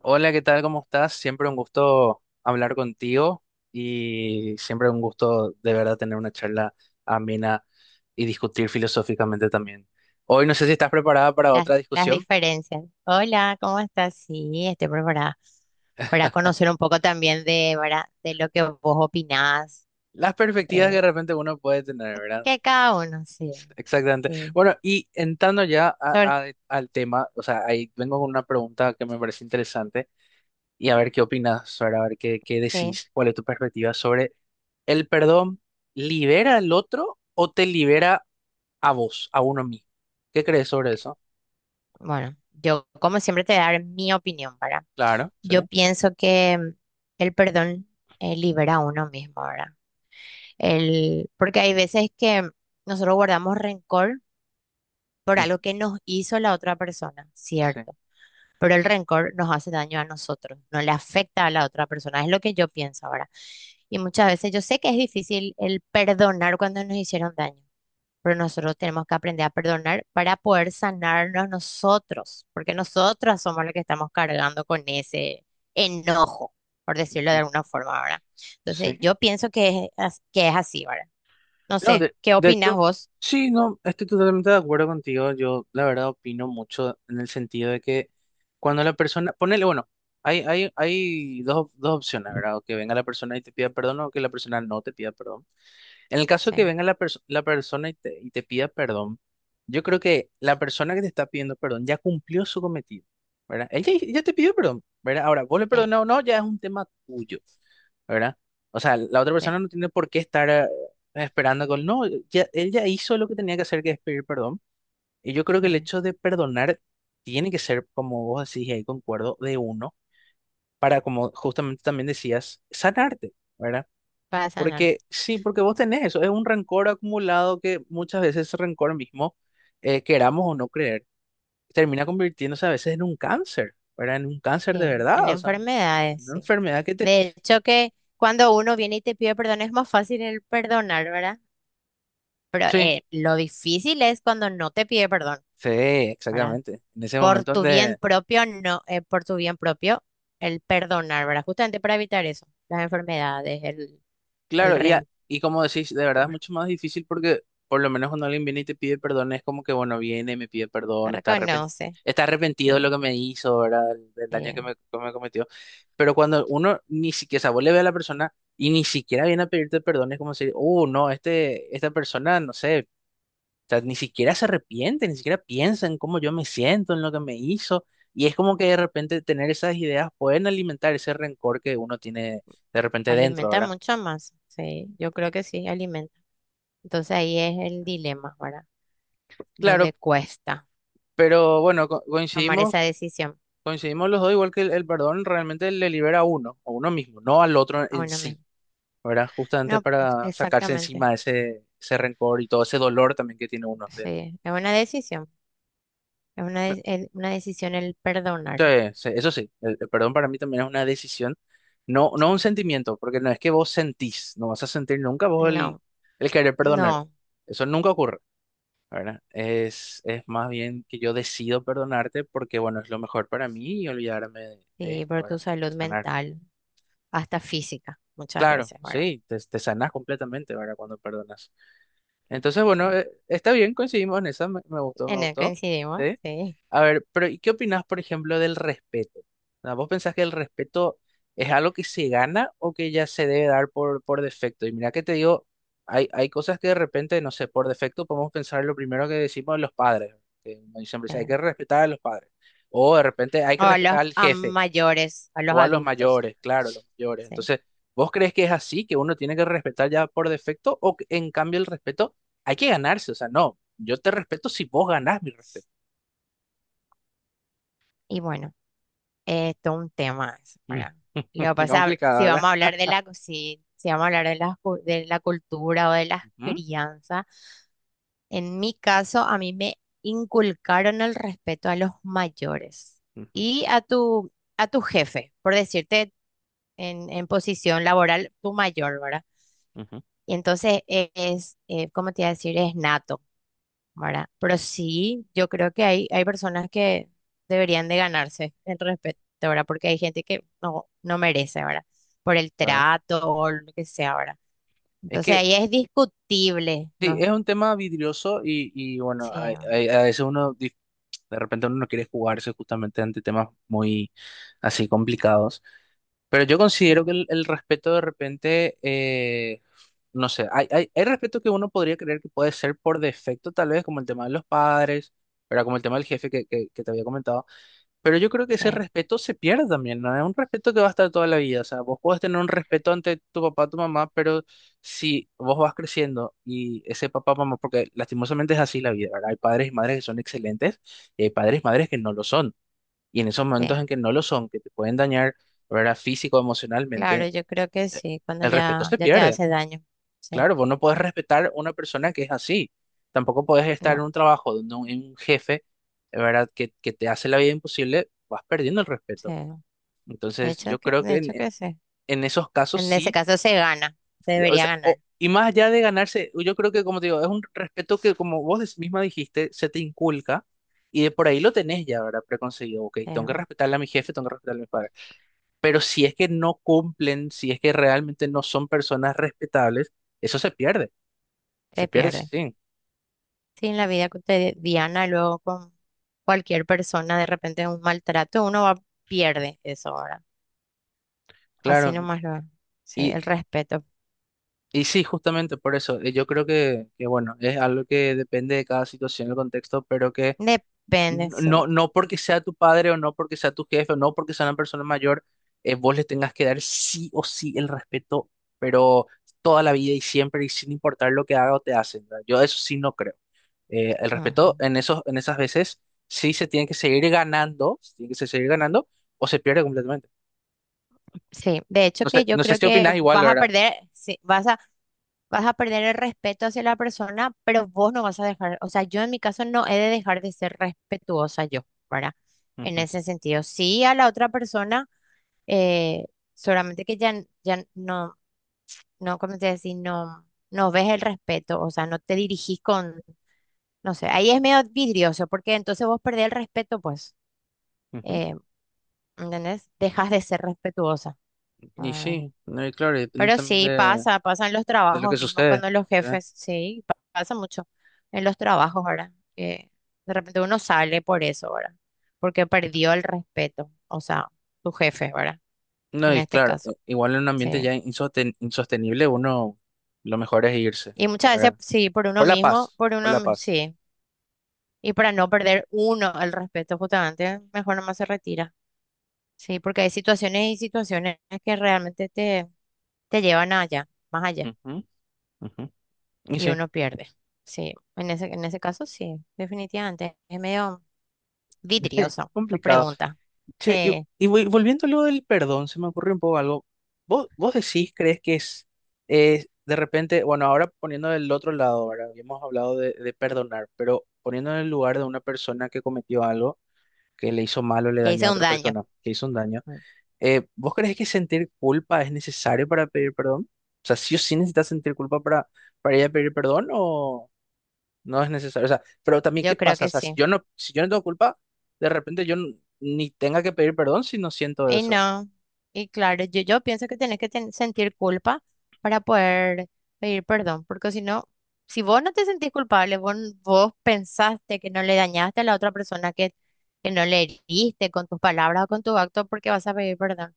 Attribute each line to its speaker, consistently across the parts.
Speaker 1: Hola, ¿qué tal? ¿Cómo estás? Siempre un gusto hablar contigo y siempre un gusto de verdad tener una charla amena y discutir filosóficamente también. Hoy no sé si estás preparada para
Speaker 2: Las,
Speaker 1: otra
Speaker 2: las
Speaker 1: discusión.
Speaker 2: diferencias. Hola, ¿cómo estás? Sí, estoy preparada para conocer un poco también de, ¿verdad?, de lo que vos opinás,
Speaker 1: Las perspectivas que de
Speaker 2: eh,
Speaker 1: repente uno puede tener, ¿verdad?
Speaker 2: que cada uno, sí,
Speaker 1: Exactamente.
Speaker 2: sí,
Speaker 1: Bueno, y entrando ya a-
Speaker 2: sobre,
Speaker 1: a- al tema, o sea, ahí vengo con una pregunta que me parece interesante y a ver qué opinas, ¿verdad? A ver qué
Speaker 2: sí.
Speaker 1: decís, cuál es tu perspectiva sobre el perdón, ¿libera al otro o te libera? A vos, a uno mismo. ¿Qué crees sobre eso?
Speaker 2: Bueno, yo como siempre te voy a dar mi opinión, ¿verdad?
Speaker 1: Claro, sí.
Speaker 2: Yo pienso que el perdón libera a uno mismo, ¿verdad? El, porque hay veces que nosotros guardamos rencor por
Speaker 1: Ujú.
Speaker 2: algo que nos hizo la otra persona,
Speaker 1: Sí.
Speaker 2: ¿cierto? Pero el rencor nos hace daño a nosotros, no le afecta a la otra persona, es lo que yo pienso ahora. Y muchas veces yo sé que es difícil el perdonar cuando nos hicieron daño, pero nosotros tenemos que aprender a perdonar para poder sanarnos nosotros, porque nosotros somos los que estamos cargando con ese enojo, por decirlo de
Speaker 1: Ujú.
Speaker 2: alguna forma, ¿verdad?
Speaker 1: Sí.
Speaker 2: Entonces, yo pienso que es, que es así, ¿verdad? No
Speaker 1: No,
Speaker 2: sé,
Speaker 1: de,
Speaker 2: ¿qué
Speaker 1: de
Speaker 2: opinas
Speaker 1: hecho,
Speaker 2: vos?
Speaker 1: sí, no, estoy totalmente de acuerdo contigo. Yo, la verdad, opino mucho en el sentido de que cuando la persona, ponele, bueno, hay dos opciones, ¿verdad? O que venga la persona y te pida perdón o que la persona no te pida perdón. En el caso que
Speaker 2: Sí,
Speaker 1: venga la persona y te pida perdón, yo creo que la persona que te está pidiendo perdón ya cumplió su cometido, ¿verdad? Él ya te pidió perdón, ¿verdad? Ahora, vos le
Speaker 2: sí,
Speaker 1: perdonás o no, ya es un tema tuyo, ¿verdad? O sea, la otra
Speaker 2: sí,
Speaker 1: persona no tiene por qué estar esperando no, ya, él ya hizo lo que tenía que hacer, que es pedir perdón. Y yo creo que el
Speaker 2: sí,
Speaker 1: hecho de perdonar tiene que ser, como vos decís, y ahí concuerdo, de uno, para, como justamente también decías, sanarte, ¿verdad?
Speaker 2: para sanar.
Speaker 1: Porque sí, porque vos tenés eso, es un rencor acumulado que muchas veces ese rencor mismo, queramos o no creer, termina convirtiéndose a veces en un cáncer, ¿verdad? En un cáncer de
Speaker 2: Sí, en
Speaker 1: verdad, o sea, en
Speaker 2: enfermedades,
Speaker 1: una
Speaker 2: sí.
Speaker 1: enfermedad que te.
Speaker 2: De hecho que cuando uno viene y te pide perdón es más fácil el perdonar, ¿verdad? Pero
Speaker 1: Sí.
Speaker 2: lo difícil es cuando no te pide perdón,
Speaker 1: Sí,
Speaker 2: ¿verdad?
Speaker 1: exactamente. En ese
Speaker 2: Por
Speaker 1: momento
Speaker 2: tu bien
Speaker 1: donde
Speaker 2: propio, no, por tu bien propio, el perdonar, ¿verdad? Justamente para evitar eso, las enfermedades, el
Speaker 1: Claro,
Speaker 2: rencor.
Speaker 1: y como decís, de verdad es mucho más difícil porque por lo menos cuando alguien viene y te pide perdón, es como que, bueno, viene, me pide perdón,
Speaker 2: Reconoce,
Speaker 1: está arrepentido de lo
Speaker 2: sí,
Speaker 1: que me hizo, ¿verdad? Del daño
Speaker 2: eh,
Speaker 1: que me cometió. Pero cuando uno ni siquiera, o sea, vos le ve a la persona y ni siquiera viene a pedirte perdón, es como decir, oh, no, esta persona, no sé, o sea, ni siquiera se arrepiente, ni siquiera piensa en cómo yo me siento, en lo que me hizo. Y es como que de repente tener esas ideas pueden alimentar ese rencor que uno tiene de repente dentro,
Speaker 2: alimenta
Speaker 1: ¿verdad?
Speaker 2: mucho más, sí, yo creo que sí, alimenta. Entonces ahí es el dilema, ¿verdad?
Speaker 1: Claro.
Speaker 2: Donde cuesta
Speaker 1: Pero bueno, co-
Speaker 2: tomar esa
Speaker 1: coincidimos,
Speaker 2: decisión
Speaker 1: coincidimos los dos, igual que el perdón realmente le libera a uno mismo, no al otro
Speaker 2: a
Speaker 1: en
Speaker 2: uno
Speaker 1: sí,
Speaker 2: mismo.
Speaker 1: ¿verdad? Justamente
Speaker 2: No, pues,
Speaker 1: para sacarse
Speaker 2: exactamente.
Speaker 1: encima ese rencor y todo ese dolor también que tiene uno dentro.
Speaker 2: Sí, es una decisión. Es una,
Speaker 1: Me-
Speaker 2: una decisión el perdonar.
Speaker 1: sí, sí, eso sí, el perdón para mí también es una decisión, no, no
Speaker 2: Sí.
Speaker 1: un sentimiento, porque no es que vos sentís, no vas a sentir nunca vos el,
Speaker 2: No,
Speaker 1: el querer perdonar.
Speaker 2: no.
Speaker 1: Eso nunca ocurre, ¿verdad? Es más bien que yo decido perdonarte porque, bueno, es lo mejor para mí y olvidarme de
Speaker 2: Sí,
Speaker 1: esto,
Speaker 2: por tu
Speaker 1: ¿verdad? Y
Speaker 2: salud
Speaker 1: sanar.
Speaker 2: mental, hasta física, muchas
Speaker 1: Claro,
Speaker 2: veces, ¿verdad?
Speaker 1: sí, te sanas completamente, ¿verdad? Cuando perdonas. Entonces, bueno,
Speaker 2: Sí.
Speaker 1: está bien, coincidimos en esa, me gustó, me
Speaker 2: En eso
Speaker 1: gustó.
Speaker 2: coincidimos,
Speaker 1: ¿Sí?
Speaker 2: sí.
Speaker 1: A ver, pero ¿y qué opinás, por ejemplo, del respeto? Ah, ¿vos pensás que el respeto es algo que se gana o que ya se debe dar por defecto? Y mira que te digo, hay cosas que de repente, no sé, por defecto podemos pensar lo primero que decimos de los padres, que uno siempre dice, hay
Speaker 2: Sí.
Speaker 1: que respetar a los padres. O de repente hay
Speaker 2: O
Speaker 1: que
Speaker 2: a los
Speaker 1: respetar al
Speaker 2: a
Speaker 1: jefe
Speaker 2: mayores, a los
Speaker 1: o a los
Speaker 2: adultos.
Speaker 1: mayores, claro, los mayores.
Speaker 2: Sí.
Speaker 1: Entonces, ¿vos crees que es así, que uno tiene que respetar ya por defecto o que, en cambio el respeto hay que ganarse? O sea, no, yo te respeto si vos ganás mi respeto.
Speaker 2: Y bueno, esto es un tema, eso,
Speaker 1: Mm.
Speaker 2: ¿verdad? Lo que pasa,
Speaker 1: Complicado,
Speaker 2: si
Speaker 1: ¿verdad?
Speaker 2: vamos a hablar de la, si, si vamos a hablar de la, de la cultura o de las
Speaker 1: Ujú.
Speaker 2: crianzas. En mi caso, a mí me inculcaron el respeto a los mayores
Speaker 1: Ujú.
Speaker 2: y a tu jefe, por decirte en posición laboral, tu mayor, ¿verdad?
Speaker 1: Ujú.
Speaker 2: Y entonces es, ¿cómo te iba a decir? Es nato, ¿verdad? Pero sí, yo creo que hay personas que deberían de ganarse el respeto, ¿verdad? Porque hay gente que no, no merece, ¿verdad? Por el
Speaker 1: Claro.
Speaker 2: trato o lo que sea, ¿verdad?
Speaker 1: Es
Speaker 2: Entonces
Speaker 1: que
Speaker 2: ahí es discutible,
Speaker 1: sí, es
Speaker 2: ¿no?
Speaker 1: un tema vidrioso y bueno,
Speaker 2: Sí,
Speaker 1: a veces uno, de repente uno no quiere jugarse justamente ante temas muy así complicados. Pero yo
Speaker 2: sí,
Speaker 1: considero que el respeto de repente, no sé, hay respeto que uno podría creer que puede ser por defecto, tal vez, como el tema de los padres, ¿verdad? Como el tema del jefe que te había comentado. Pero yo creo que ese
Speaker 2: sí.
Speaker 1: respeto se pierde también, ¿no? Es un respeto que va a estar toda la vida. O sea, vos podés tener un respeto ante tu papá, tu mamá, pero si vos vas creciendo y ese papá, mamá, porque lastimosamente es así la vida, ¿verdad? Hay padres y madres que son excelentes y hay padres y madres que no lo son. Y en esos
Speaker 2: Sí.
Speaker 1: momentos en que no lo son, que te pueden dañar, ¿verdad? Físico,
Speaker 2: Claro,
Speaker 1: emocionalmente,
Speaker 2: yo creo que sí, cuando
Speaker 1: el respeto
Speaker 2: ya,
Speaker 1: se
Speaker 2: ya te
Speaker 1: pierde.
Speaker 2: hace daño. Sí,
Speaker 1: Claro, vos no podés respetar una persona que es así. Tampoco podés estar
Speaker 2: no,
Speaker 1: en un trabajo donde un jefe, ¿verdad? Que te hace la vida imposible, vas perdiendo el respeto.
Speaker 2: sí.
Speaker 1: Entonces, yo creo
Speaker 2: De
Speaker 1: que en,
Speaker 2: hecho que sí.
Speaker 1: en esos casos
Speaker 2: En ese
Speaker 1: sí.
Speaker 2: caso se gana, se
Speaker 1: O
Speaker 2: debería
Speaker 1: sea, o-
Speaker 2: ganar.
Speaker 1: y más allá de ganarse, yo creo que, como te digo, es un respeto que, como vos misma dijiste, se te inculca. Y de por ahí lo tenés ya, ¿verdad? Preconcebido. Ok, tengo
Speaker 2: eh,
Speaker 1: que respetarle a mi jefe, tengo que respetarle a mis padres. Pero si es que no cumplen, si es que realmente no son personas respetables, eso se
Speaker 2: Se
Speaker 1: pierde, sí,
Speaker 2: pierde.
Speaker 1: sí,
Speaker 2: Sí, en la vida cotidiana, luego con cualquier persona, de repente un maltrato, uno va, pierde eso ahora. Así
Speaker 1: claro.
Speaker 2: nomás lo. Sí, el
Speaker 1: Y,
Speaker 2: respeto.
Speaker 1: y sí, justamente por eso, yo creo que, bueno, es algo que depende de cada situación, el contexto, pero que
Speaker 2: Depende, sí.
Speaker 1: no porque sea tu padre o no porque sea tu jefe o no porque sea una persona mayor, vos le tengas que dar sí o sí el respeto, pero toda la vida y siempre y sin importar lo que haga o te hacen, ¿verdad? Yo eso sí no creo. El respeto
Speaker 2: Ujú.
Speaker 1: en esos, en esas veces sí se tiene que seguir ganando, se tiene que seguir ganando o se pierde completamente.
Speaker 2: Sí, de hecho
Speaker 1: No sé,
Speaker 2: que yo
Speaker 1: no sé
Speaker 2: creo
Speaker 1: si
Speaker 2: que
Speaker 1: opinas igual,
Speaker 2: vas a
Speaker 1: ¿verdad?
Speaker 2: perder, sí, vas a vas a perder el respeto hacia la persona, pero vos no vas a dejar, o sea, yo en mi caso no he de dejar de ser respetuosa yo, ¿verdad? En
Speaker 1: Ujú.
Speaker 2: ese sentido, sí a la otra persona, eh, solamente que ya, ya no, no, ¿cómo te decir? No, no ves el respeto, o sea, no te dirigís con, no sé, ahí es medio vidrioso, porque entonces vos perdés el respeto, pues,
Speaker 1: Ujú.
Speaker 2: eh, ¿entendés? Dejas de ser respetuosa.
Speaker 1: Y
Speaker 2: Ah,
Speaker 1: sí, no, y claro, y depende
Speaker 2: pero
Speaker 1: también
Speaker 2: sí,
Speaker 1: de,
Speaker 2: pasa, pasa en los
Speaker 1: de lo
Speaker 2: trabajos
Speaker 1: que
Speaker 2: mismos,
Speaker 1: sucede.
Speaker 2: cuando los
Speaker 1: ¿Eh?
Speaker 2: jefes, sí, pasa mucho en los trabajos, ¿verdad? Que de repente uno sale por eso, ¿verdad? Porque perdió el respeto, o sea, tu jefe, ¿verdad?
Speaker 1: No,
Speaker 2: En
Speaker 1: y
Speaker 2: este
Speaker 1: claro,
Speaker 2: caso,
Speaker 1: igual en un ambiente
Speaker 2: sí.
Speaker 1: ya insostenible, uno lo mejor es irse,
Speaker 2: Y
Speaker 1: la
Speaker 2: muchas veces,
Speaker 1: verdad.
Speaker 2: sí, por uno
Speaker 1: Por la
Speaker 2: mismo,
Speaker 1: paz,
Speaker 2: por
Speaker 1: por
Speaker 2: uno,
Speaker 1: la paz.
Speaker 2: sí. Y para no perder uno el respeto, justamente, mejor nomás se retira. Sí, porque hay situaciones y situaciones que realmente te, te llevan allá, más allá.
Speaker 1: Ujú. Ujú. Y
Speaker 2: Y
Speaker 1: sí,
Speaker 2: uno pierde. Sí, en ese caso sí, definitivamente. Es medio vidrioso tu
Speaker 1: complicado.
Speaker 2: pregunta.
Speaker 1: Che, y,
Speaker 2: Sí,
Speaker 1: y vol- volviendo a lo del perdón, se me ocurrió un poco algo. ¿Vos decís, crees que es de repente, bueno, ahora poniendo del otro lado, ahora habíamos hablado de perdonar, pero poniendo en el lugar de una persona que cometió algo, que le hizo mal o le
Speaker 2: que
Speaker 1: dañó a
Speaker 2: hice un
Speaker 1: otra
Speaker 2: daño.
Speaker 1: persona, que hizo un daño,
Speaker 2: Mm,
Speaker 1: ¿vos crees que sentir culpa es necesario para pedir perdón? O sea, ¿sí o sí necesitas sentir culpa para ir a pedir perdón no es necesario. O sea, pero también, ¿qué
Speaker 2: yo creo
Speaker 1: pasa? O
Speaker 2: que
Speaker 1: sea, si
Speaker 2: sí.
Speaker 1: yo no, si yo no tengo culpa, de repente yo ni tenga que pedir perdón si no siento
Speaker 2: Y
Speaker 1: eso.
Speaker 2: no, y claro, yo pienso que tienes que sentir culpa para poder pedir perdón, porque si no, si vos no te sentís culpable, vos, vos pensaste que no le dañaste a la otra persona, que no le heriste con tus palabras o con tu acto, ¿por qué vas a pedir perdón?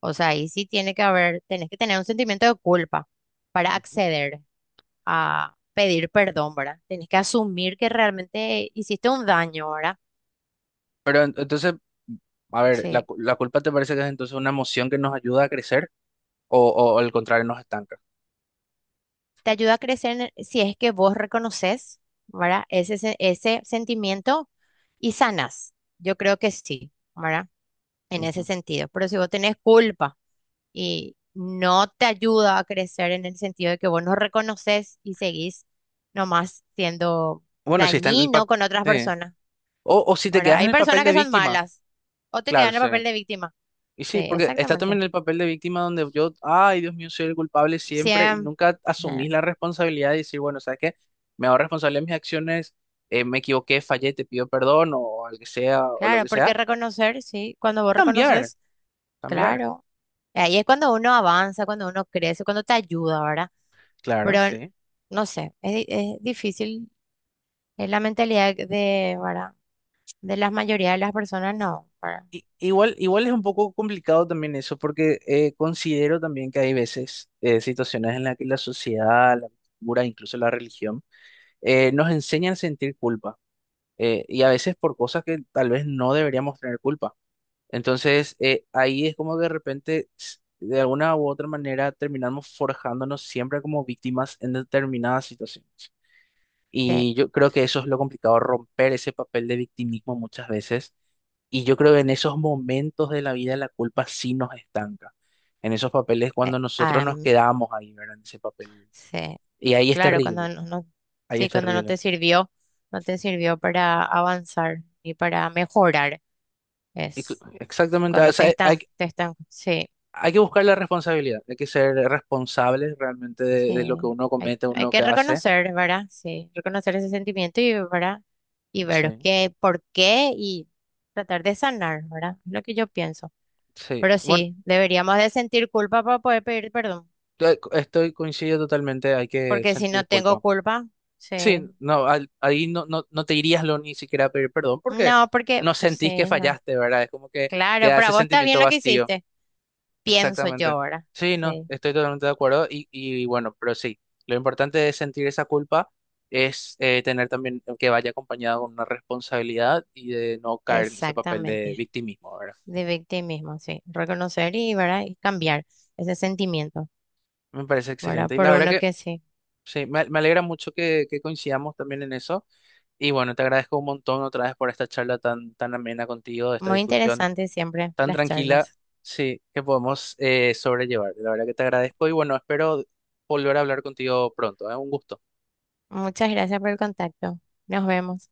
Speaker 2: O sea, ahí sí tiene que haber, tenés que tener un sentimiento de culpa para
Speaker 1: Ujú.
Speaker 2: acceder a pedir perdón, ¿verdad? Tenés que asumir que realmente hiciste un daño, ¿verdad?
Speaker 1: Pero entonces, a ver, ¿la,
Speaker 2: Sí.
Speaker 1: cu- la culpa te parece que es entonces una emoción que nos ayuda a crecer o al contrario nos estanca?
Speaker 2: Te ayuda a crecer si es que vos reconoces, ¿verdad? Ese, ese sentimiento y sanas. Yo creo que sí, ¿verdad? En ese
Speaker 1: Ujú.
Speaker 2: sentido. Pero si vos tenés culpa y no te ayuda a crecer en el sentido de que vos no reconoces y seguís nomás siendo
Speaker 1: Bueno, si está en el
Speaker 2: dañino
Speaker 1: papel.
Speaker 2: con otras personas,
Speaker 1: O si te
Speaker 2: ¿verdad?
Speaker 1: quedas en
Speaker 2: Hay
Speaker 1: el papel
Speaker 2: personas
Speaker 1: de
Speaker 2: que son
Speaker 1: víctima.
Speaker 2: malas o te quedan
Speaker 1: Claro,
Speaker 2: en el
Speaker 1: sí.
Speaker 2: papel de víctima.
Speaker 1: Y
Speaker 2: Sí,
Speaker 1: sí, porque está
Speaker 2: exactamente.
Speaker 1: también el papel de víctima donde yo, ay, Dios mío, soy el culpable siempre y
Speaker 2: Siempre.
Speaker 1: nunca asumís la responsabilidad de decir, bueno, ¿sabes qué? Me hago responsable de mis acciones, me equivoqué, fallé, te pido perdón o al que sea o lo
Speaker 2: Claro,
Speaker 1: que
Speaker 2: porque
Speaker 1: sea.
Speaker 2: reconocer, sí, cuando
Speaker 1: Y
Speaker 2: vos
Speaker 1: cambiar,
Speaker 2: reconoces,
Speaker 1: cambiar,
Speaker 2: claro. Ahí es cuando uno avanza, cuando uno crece, cuando te ayuda, ¿verdad?
Speaker 1: claro,
Speaker 2: Pero
Speaker 1: sí.
Speaker 2: no sé, es, es difícil, es la mentalidad de, ¿verdad? De la mayoría de las personas, no, ¿verdad?
Speaker 1: Y, igual es un poco complicado también eso porque considero también que hay veces situaciones en las que la sociedad, la cultura, incluso la religión, nos enseñan a sentir culpa y a veces por cosas que tal vez no deberíamos tener culpa. Entonces, ahí es como que de repente, de alguna u otra manera, terminamos forjándonos siempre como víctimas en determinadas situaciones.
Speaker 2: Sí,
Speaker 1: Y yo creo que eso es lo complicado, romper ese papel de victimismo muchas veces. Y yo creo que en esos momentos de la vida la culpa sí nos estanca. En esos papeles
Speaker 2: eh,
Speaker 1: cuando nosotros nos
Speaker 2: am-
Speaker 1: quedamos ahí, ¿verdad? En ese papel.
Speaker 2: sí,
Speaker 1: Y ahí es
Speaker 2: claro, cuando
Speaker 1: terrible,
Speaker 2: no,
Speaker 1: ahí es
Speaker 2: sí, cuando no
Speaker 1: terrible.
Speaker 2: te sirvió, no te sirvió para avanzar ni para mejorar, es.
Speaker 1: Exactamente, o
Speaker 2: Cuando
Speaker 1: sea, hay,
Speaker 2: te están sí,
Speaker 1: hay que buscar la responsabilidad, hay que ser responsable realmente de lo
Speaker 2: sí.
Speaker 1: que uno
Speaker 2: Hay,
Speaker 1: comete, uno
Speaker 2: hay
Speaker 1: lo
Speaker 2: que
Speaker 1: que hace.
Speaker 2: reconocer, ¿verdad? Sí, reconocer ese sentimiento y, ¿verdad? Y
Speaker 1: Sí,
Speaker 2: ver qué, por qué y tratar de sanar, ¿verdad? Es lo que yo pienso.
Speaker 1: sí.
Speaker 2: Pero
Speaker 1: Bueno,
Speaker 2: sí, deberíamos de sentir culpa para poder pedir perdón.
Speaker 1: estoy coincido totalmente, hay que
Speaker 2: Porque si no
Speaker 1: sentir
Speaker 2: tengo
Speaker 1: culpa.
Speaker 2: culpa, sí.
Speaker 1: Sí, no, ahí no, no, no te irías lo ni siquiera a pedir perdón porque
Speaker 2: No, porque,
Speaker 1: no sentís que
Speaker 2: sí, no.
Speaker 1: fallaste, ¿verdad? Es como que
Speaker 2: Claro,
Speaker 1: queda
Speaker 2: para
Speaker 1: ese
Speaker 2: vos está bien
Speaker 1: sentimiento
Speaker 2: lo que
Speaker 1: vacío.
Speaker 2: hiciste. Pienso yo
Speaker 1: Exactamente.
Speaker 2: ahora.
Speaker 1: Sí, no,
Speaker 2: Sí,
Speaker 1: estoy totalmente de acuerdo y bueno, pero sí, lo importante es sentir esa culpa, es tener también que vaya acompañado con una responsabilidad y de no caer en ese papel de
Speaker 2: exactamente.
Speaker 1: victimismo, ¿verdad?
Speaker 2: De victimismo, sí. Reconocer y, ¿verdad? Y cambiar ese sentimiento.
Speaker 1: Me parece
Speaker 2: ¿Verdad?
Speaker 1: excelente y
Speaker 2: Por
Speaker 1: la verdad
Speaker 2: uno
Speaker 1: que
Speaker 2: que sí.
Speaker 1: sí, me alegra mucho que coincidamos también en eso y bueno, te agradezco un montón otra vez por esta charla tan, tan amena contigo, esta
Speaker 2: Muy
Speaker 1: discusión
Speaker 2: interesante siempre
Speaker 1: tan
Speaker 2: las
Speaker 1: tranquila,
Speaker 2: charlas.
Speaker 1: sí, que podemos sobrellevar. La verdad que te agradezco y bueno, espero volver a hablar contigo pronto, ¿eh? Un gusto.
Speaker 2: Muchas gracias por el contacto. Nos vemos.